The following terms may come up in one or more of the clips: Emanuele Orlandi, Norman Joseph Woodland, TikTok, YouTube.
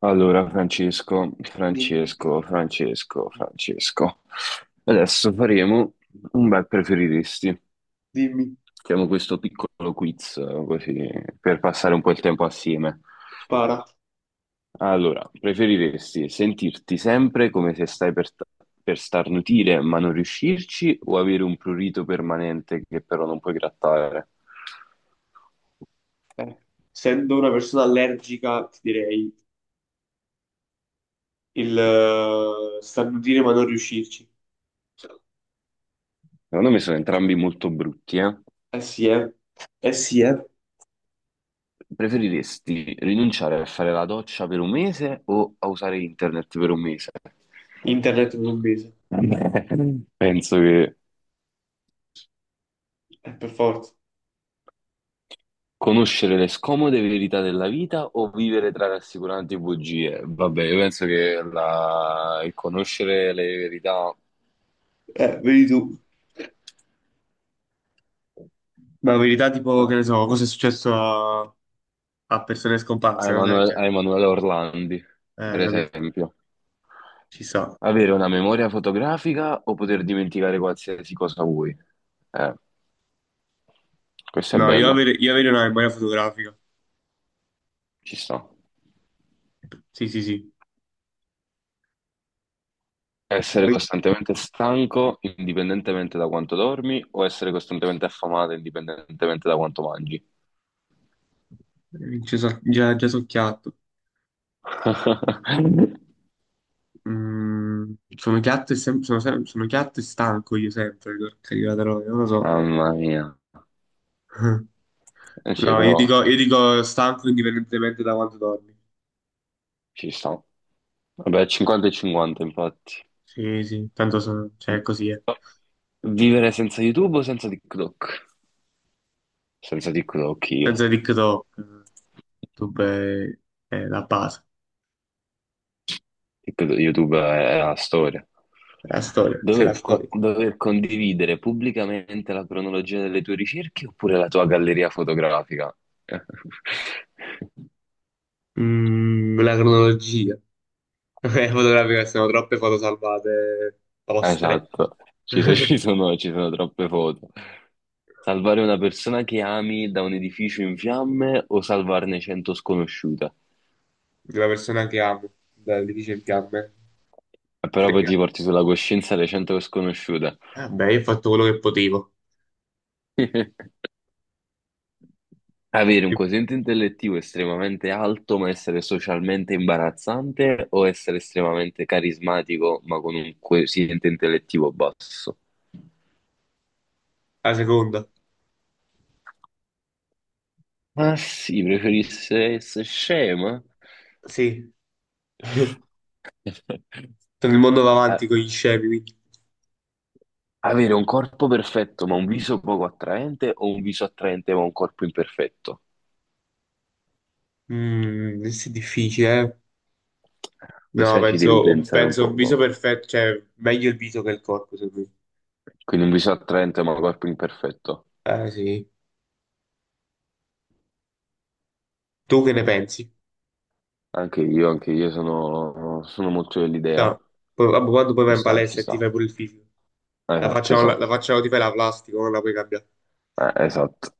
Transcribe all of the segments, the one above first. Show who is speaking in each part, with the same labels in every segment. Speaker 1: Allora, Francesco,
Speaker 2: Dimmi, dimmi,
Speaker 1: Francesco, Francesco,
Speaker 2: dimmi,
Speaker 1: Francesco. Adesso faremo un bel preferiresti.
Speaker 2: dimmi,
Speaker 1: Facciamo questo piccolo quiz, così, per passare un po' il tempo assieme.
Speaker 2: spara.
Speaker 1: Allora, preferiresti sentirti sempre come se stai per starnutire ma non riuscirci o avere un prurito permanente che però non puoi grattare?
Speaker 2: Eh, essendo una persona allergica, ti direi il starnutire ma non riuscirci.
Speaker 1: Secondo me sono entrambi molto brutti, eh?
Speaker 2: Eh sì, eh. Eh sì, eh.
Speaker 1: Preferiresti rinunciare a fare la doccia per un mese o a usare internet per un mese?
Speaker 2: Internet per un mese.
Speaker 1: Vabbè, penso che
Speaker 2: Per forza.
Speaker 1: conoscere le scomode verità della vita o vivere tra rassicuranti bugie? Vabbè, io penso che il conoscere le verità
Speaker 2: Vedi tu. Ma in verità, tipo, che
Speaker 1: eh,
Speaker 2: ne so, cosa è successo a persone
Speaker 1: a
Speaker 2: scomparse, una cosa del
Speaker 1: Emanuele,
Speaker 2: genere.
Speaker 1: a Emanuele Orlandi, per
Speaker 2: Capito?
Speaker 1: esempio.
Speaker 2: Ci sta.
Speaker 1: Avere una memoria fotografica o poter dimenticare qualsiasi cosa vuoi? Eh, questa è
Speaker 2: No, io
Speaker 1: bella,
Speaker 2: avere, io avere una memoria fotografica.
Speaker 1: ci sta.
Speaker 2: Sì, sì, sì.
Speaker 1: Essere
Speaker 2: Poi-
Speaker 1: costantemente stanco indipendentemente da quanto dormi o essere costantemente affamato indipendentemente da quanto mangi?
Speaker 2: Già, già, già so chiatto. Sono piatto e sono piatto e stanco io sempre, porca di la troia, non lo so.
Speaker 1: Mamma mia. Eh sì,
Speaker 2: No, io
Speaker 1: però
Speaker 2: dico, io dico stanco indipendentemente da quanto dormi.
Speaker 1: ci sta. Vabbè, 50 e 50, infatti.
Speaker 2: Sì, sì, tanto sono, cioè così è.
Speaker 1: Vivere senza YouTube o senza TikTok? Senza TikTok io.
Speaker 2: Senza TikTok, YouTube è la base,
Speaker 1: YouTube è la storia.
Speaker 2: è la storia, c'è la storia.
Speaker 1: Dover condividere pubblicamente la cronologia delle tue ricerche oppure la tua galleria fotografica?
Speaker 2: La cronologia. Fotografica, sono troppe foto salvate ostre.
Speaker 1: Esatto, ci, so-
Speaker 2: Di
Speaker 1: ci sono, ci sono troppe foto. Salvare una persona che ami da un edificio in fiamme o salvarne 100 sconosciute?
Speaker 2: una persona che amo, di dice in fiamme.
Speaker 1: Però poi
Speaker 2: Frega.
Speaker 1: ti porti sulla coscienza le 100 sconosciute.
Speaker 2: Vabbè, io ho fatto quello che potevo.
Speaker 1: Avere un quoziente intellettivo estremamente alto ma essere socialmente imbarazzante o essere estremamente carismatico ma con un quoziente intellettivo basso?
Speaker 2: La seconda,
Speaker 1: Ma sì, preferisse essere scema?
Speaker 2: sì. Sono il mondo va avanti
Speaker 1: A-
Speaker 2: con gli scemi, quindi.
Speaker 1: Avere un corpo perfetto ma un viso poco attraente o un viso attraente ma un corpo imperfetto?
Speaker 2: Questo è difficile, eh. No,
Speaker 1: Questa ci devi
Speaker 2: penso un,
Speaker 1: pensare un
Speaker 2: penso un viso
Speaker 1: poco.
Speaker 2: perfetto, cioè meglio il viso che il corpo, secondo
Speaker 1: Quindi un viso attraente ma un corpo imperfetto.
Speaker 2: me. Eh sì. Tu che ne pensi?
Speaker 1: Anche io sono, sono molto dell'idea.
Speaker 2: No. Poi, vabbè, quando poi vai
Speaker 1: Ci
Speaker 2: in
Speaker 1: sta, ci
Speaker 2: palestra e ti
Speaker 1: sta.
Speaker 2: fai pure il fisico. La
Speaker 1: Esatto,
Speaker 2: faccia, la, la
Speaker 1: esatto.
Speaker 2: faccia ti fai la plastica, non la puoi cambiare.
Speaker 1: Esatto.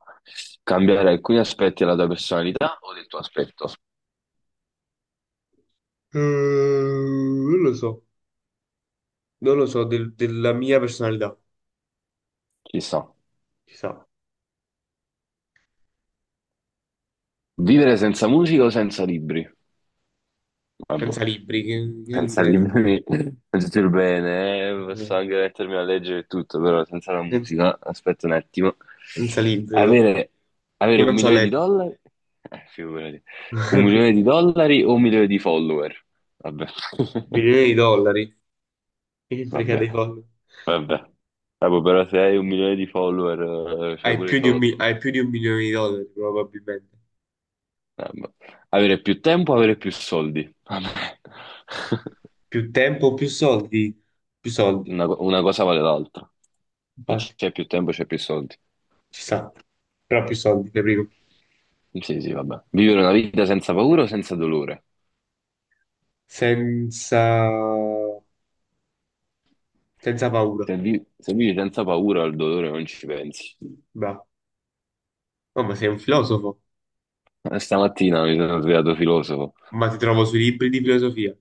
Speaker 1: Cambiare alcuni aspetti della tua personalità o del tuo aspetto.
Speaker 2: Non lo so, non lo so, della mia personalità,
Speaker 1: Ci sta.
Speaker 2: ci sa.
Speaker 1: Vivere senza musica o senza libri? Vabbè,
Speaker 2: Senza libri, che ne
Speaker 1: senza
Speaker 2: intendo?
Speaker 1: libri non c'è più bene, posso anche mettermi a leggere e tutto, però senza la
Speaker 2: Senza,
Speaker 1: musica, aspetta un attimo.
Speaker 2: senza libri, io
Speaker 1: Avere, avere
Speaker 2: io
Speaker 1: un
Speaker 2: non so
Speaker 1: milione di
Speaker 2: leggere.
Speaker 1: dollari? Figurati. Un milione di dollari o un milione di follower? Vabbè,
Speaker 2: Milioni di dollari. Che frega
Speaker 1: vabbè.
Speaker 2: dei soldi.
Speaker 1: Vabbè, vabbè, però se hai un milione di follower, fai
Speaker 2: Hai
Speaker 1: pure i
Speaker 2: più di un,
Speaker 1: soldi.
Speaker 2: mi- hai più di un milione di dollari, probabilmente.
Speaker 1: Ma- Avere più tempo, avere più soldi. Vabbè.
Speaker 2: Più tempo, più soldi. Più soldi.
Speaker 1: Una cosa vale l'altra. Se
Speaker 2: Infatti,
Speaker 1: c'è più tempo, c'è più soldi.
Speaker 2: ci sta. Però più soldi, primo.
Speaker 1: Sì, sì, vabbè. Vivere una vita senza paura o senza dolore?
Speaker 2: Senza... Senza paura.
Speaker 1: Se vivi senza paura, al dolore non ci pensi.
Speaker 2: Bravo. Oh, ma sei un filosofo.
Speaker 1: Stamattina mi sono svegliato filosofo.
Speaker 2: Ma ti trovo sui libri di filosofia.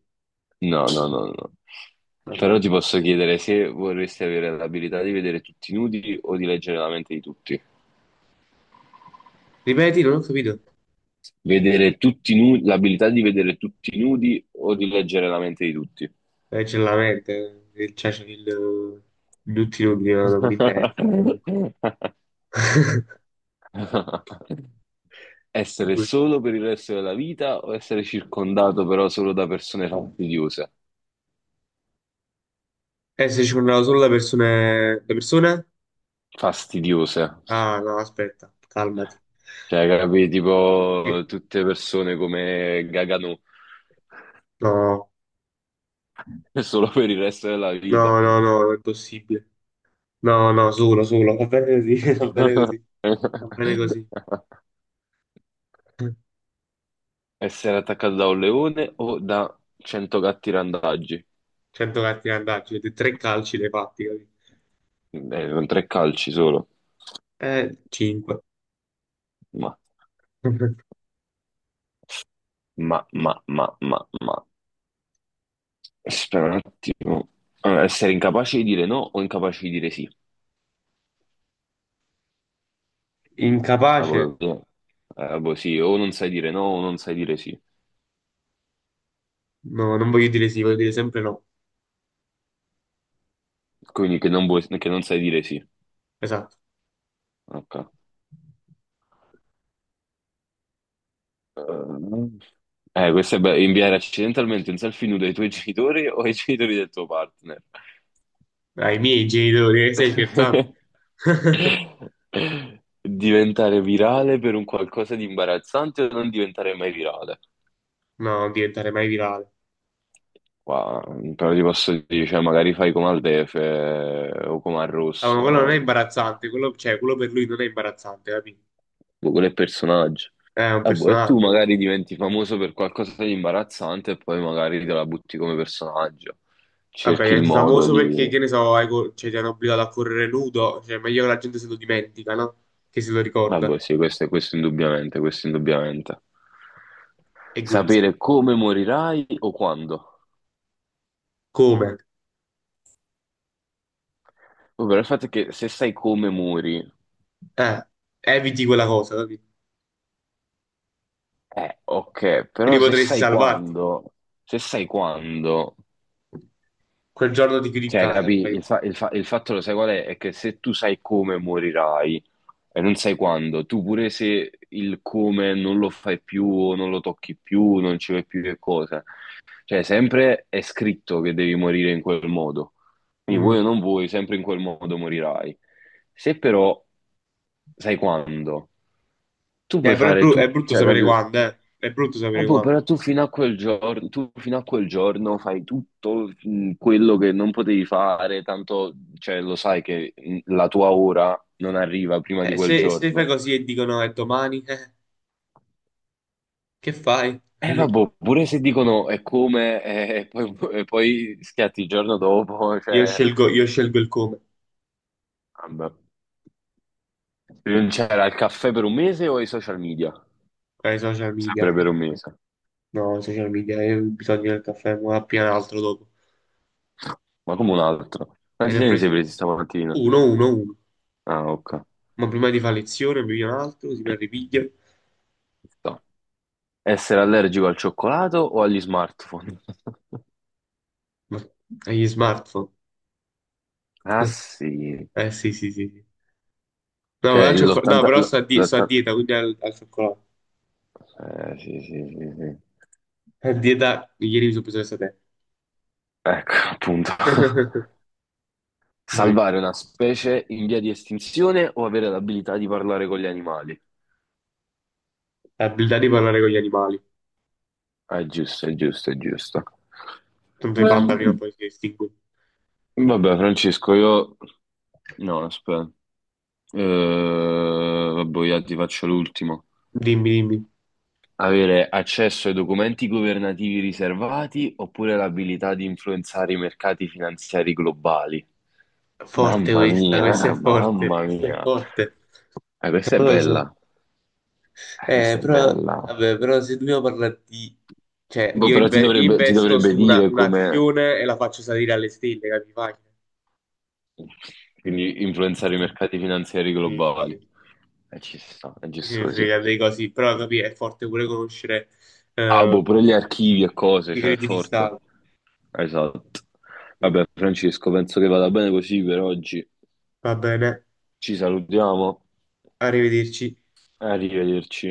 Speaker 1: No, no, no, no.
Speaker 2: Vabbè.
Speaker 1: Però ti posso chiedere se vorresti avere l'abilità di vedere tutti nudi o di leggere la mente di tutti.
Speaker 2: Ripeti, non ho capito.
Speaker 1: Vedere tutti nudi, l'abilità di vedere tutti nudi o di leggere la mente di tutti.
Speaker 2: C'è la mente. C'è il... Tutti inutili, ma non mi interessa. Comunque. E
Speaker 1: Essere
Speaker 2: qui-
Speaker 1: solo per il resto della vita o essere circondato però solo da persone fastidiose?
Speaker 2: se ci sono solo le persone... Le persone?
Speaker 1: Fastidiose.
Speaker 2: Ah, no, aspetta, calmati.
Speaker 1: Cioè, capi,
Speaker 2: Eh,
Speaker 1: tipo tutte persone come Gagano,
Speaker 2: No,
Speaker 1: solo per il resto della vita.
Speaker 2: no, no, no, non è possibile. No, no, solo, solo, va bene così, va bene così, va bene così.
Speaker 1: Essere attaccato da un leone o da 100 gatti randagi?
Speaker 2: 100 gatti andati, avete tre calci dei fatti, capito?
Speaker 1: Con tre calci solo.
Speaker 2: 5.
Speaker 1: Ma, ma, ma. Aspetta un attimo. Allora, essere incapace di dire no o incapace di dire sì? Ah,
Speaker 2: Incapace?
Speaker 1: boh, no. Ah, boh, sì, o non sai dire no o non sai dire sì.
Speaker 2: No, non voglio dire sì, voglio dire sempre no.
Speaker 1: Quindi che non sai dire sì.
Speaker 2: Esatto.
Speaker 1: Ok. Questo è bello. Inviare accidentalmente un selfie nudo ai tuoi genitori o ai genitori del tuo partner.
Speaker 2: Ai miei genitori, stai scherzando?
Speaker 1: Diventare virale per un qualcosa di imbarazzante o non diventare mai virale?
Speaker 2: No, non diventare mai virale.
Speaker 1: Qua, però ti posso dire, cioè, magari fai come al Defe o come al
Speaker 2: Ah, ma quello non è
Speaker 1: Rosso,
Speaker 2: imbarazzante, quello, cioè, quello per lui non è imbarazzante, capito?
Speaker 1: boh, quello è il personaggio.
Speaker 2: È un
Speaker 1: Ah, boh, e tu
Speaker 2: personaggio.
Speaker 1: magari diventi famoso per qualcosa di imbarazzante e poi magari te la butti come personaggio.
Speaker 2: Vabbè,
Speaker 1: Cerchi il
Speaker 2: diventi
Speaker 1: modo
Speaker 2: famoso perché,
Speaker 1: di...
Speaker 2: che ne so, cioè, ti hanno obbligato a correre nudo, cioè è meglio che la gente se lo dimentica, no? Che se lo
Speaker 1: Ah,
Speaker 2: ricorda.
Speaker 1: boh, sì, questo indubbiamente, questo indubbiamente.
Speaker 2: E guizzo.
Speaker 1: Sapere come morirai o quando.
Speaker 2: Come?
Speaker 1: Oh, però il fatto è che se sai come muori,
Speaker 2: Eh, eviti quella cosa, capito?
Speaker 1: ok,
Speaker 2: Quindi
Speaker 1: però se
Speaker 2: potresti
Speaker 1: sai
Speaker 2: salvarti.
Speaker 1: quando, se sai quando.
Speaker 2: Quel giorno ti chiudi in
Speaker 1: Cioè,
Speaker 2: casa,
Speaker 1: capì?
Speaker 2: poi.
Speaker 1: Il fatto lo sai qual è? È che se tu sai come morirai e non sai quando, tu pure se il come non lo fai più o non lo tocchi più, non ci vai più che cosa, cioè, sempre è scritto che devi morire in quel modo. Quindi vuoi
Speaker 2: Mm.
Speaker 1: o non vuoi, sempre in quel modo morirai. Se però sai quando, tu puoi
Speaker 2: Però è,
Speaker 1: fare
Speaker 2: bru- è
Speaker 1: tutto,
Speaker 2: brutto
Speaker 1: cioè,
Speaker 2: sapere
Speaker 1: capi?
Speaker 2: quando, eh. È brutto
Speaker 1: Ah,
Speaker 2: sapere
Speaker 1: boh,
Speaker 2: quando.
Speaker 1: però tu fino a quel giorno, tu fino a quel giorno fai tutto quello che non potevi fare, tanto, cioè, lo sai che la tua ora non arriva prima di quel
Speaker 2: Se fai
Speaker 1: giorno.
Speaker 2: così e dicono è domani, che fai?
Speaker 1: E vabbè, pure se dicono è come, e poi schiatti il giorno dopo,
Speaker 2: Io
Speaker 1: cioè,
Speaker 2: scelgo, io scelgo il come.
Speaker 1: vabbè. Non c'era il caffè per un mese o i social media?
Speaker 2: Social
Speaker 1: Sempre
Speaker 2: media.
Speaker 1: per un mese.
Speaker 2: No, social media, io ho bisogno del caffè, ma appena l'altro dopo.
Speaker 1: Ma come un altro?
Speaker 2: E
Speaker 1: Quanti
Speaker 2: ne ho
Speaker 1: te ne sei
Speaker 2: presi
Speaker 1: presi stamattina?
Speaker 2: uno, uno, uno.
Speaker 1: Ah, ok.
Speaker 2: Ma prima di fare lezione bevi un altro, si perde piglia,
Speaker 1: Ci sta. Essere allergico al cioccolato o agli smartphone?
Speaker 2: ma agli smartphone.
Speaker 1: Ah, sì.
Speaker 2: Eh sì, sì, sì, sì. No,
Speaker 1: Ok,
Speaker 2: però, no,
Speaker 1: l'80...
Speaker 2: però sto a dieta, quindi al cioccolato.
Speaker 1: Sì, sì, sì, sì.
Speaker 2: A dieta, ieri mi sono preso questa te.
Speaker 1: Ecco, appunto.
Speaker 2: Quindi,
Speaker 1: Salvare una specie in via di estinzione o avere l'abilità di parlare con gli animali?
Speaker 2: l'abilità di parlare con gli animali.
Speaker 1: Ah, è giusto, è giusto, è giusto.
Speaker 2: Tanto i panda prima o
Speaker 1: Mm.
Speaker 2: poi si estingue.
Speaker 1: Vabbè, Francesco, io no, aspetta. Vabbè, io ti faccio l'ultimo.
Speaker 2: Dimmi, dimmi.
Speaker 1: Avere accesso ai documenti governativi riservati oppure l'abilità di influenzare i mercati finanziari globali.
Speaker 2: Forte
Speaker 1: Mamma
Speaker 2: questa, questa è
Speaker 1: mia,
Speaker 2: forte,
Speaker 1: mamma
Speaker 2: questa è
Speaker 1: mia.
Speaker 2: forte.
Speaker 1: Questa è
Speaker 2: Non lo so.
Speaker 1: bella. Questa è
Speaker 2: Però,
Speaker 1: bella.
Speaker 2: vabbè, però se dobbiamo parlare di... Cioè,
Speaker 1: Boh,
Speaker 2: io,
Speaker 1: però ti
Speaker 2: io
Speaker 1: dovrebbe, ti
Speaker 2: investo
Speaker 1: dovrebbe
Speaker 2: su
Speaker 1: dire come
Speaker 2: un'azione e la faccio salire alle stelle, capi? Facile.
Speaker 1: quindi influenzare i mercati finanziari
Speaker 2: Sì, sì,
Speaker 1: globali.
Speaker 2: sì.
Speaker 1: E ci sta, è
Speaker 2: Chi se
Speaker 1: giusto
Speaker 2: ne
Speaker 1: così.
Speaker 2: frega dei così, però capì, è forte pure conoscere
Speaker 1: Ah, boh,
Speaker 2: eh,
Speaker 1: pure gli
Speaker 2: i
Speaker 1: archivi e
Speaker 2: i
Speaker 1: cose, cioè, è
Speaker 2: segreti di
Speaker 1: forte.
Speaker 2: Stato.
Speaker 1: Esatto. Vabbè, Francesco, penso che vada bene così per oggi.
Speaker 2: Va bene,
Speaker 1: Ci salutiamo.
Speaker 2: arrivederci.
Speaker 1: Arrivederci.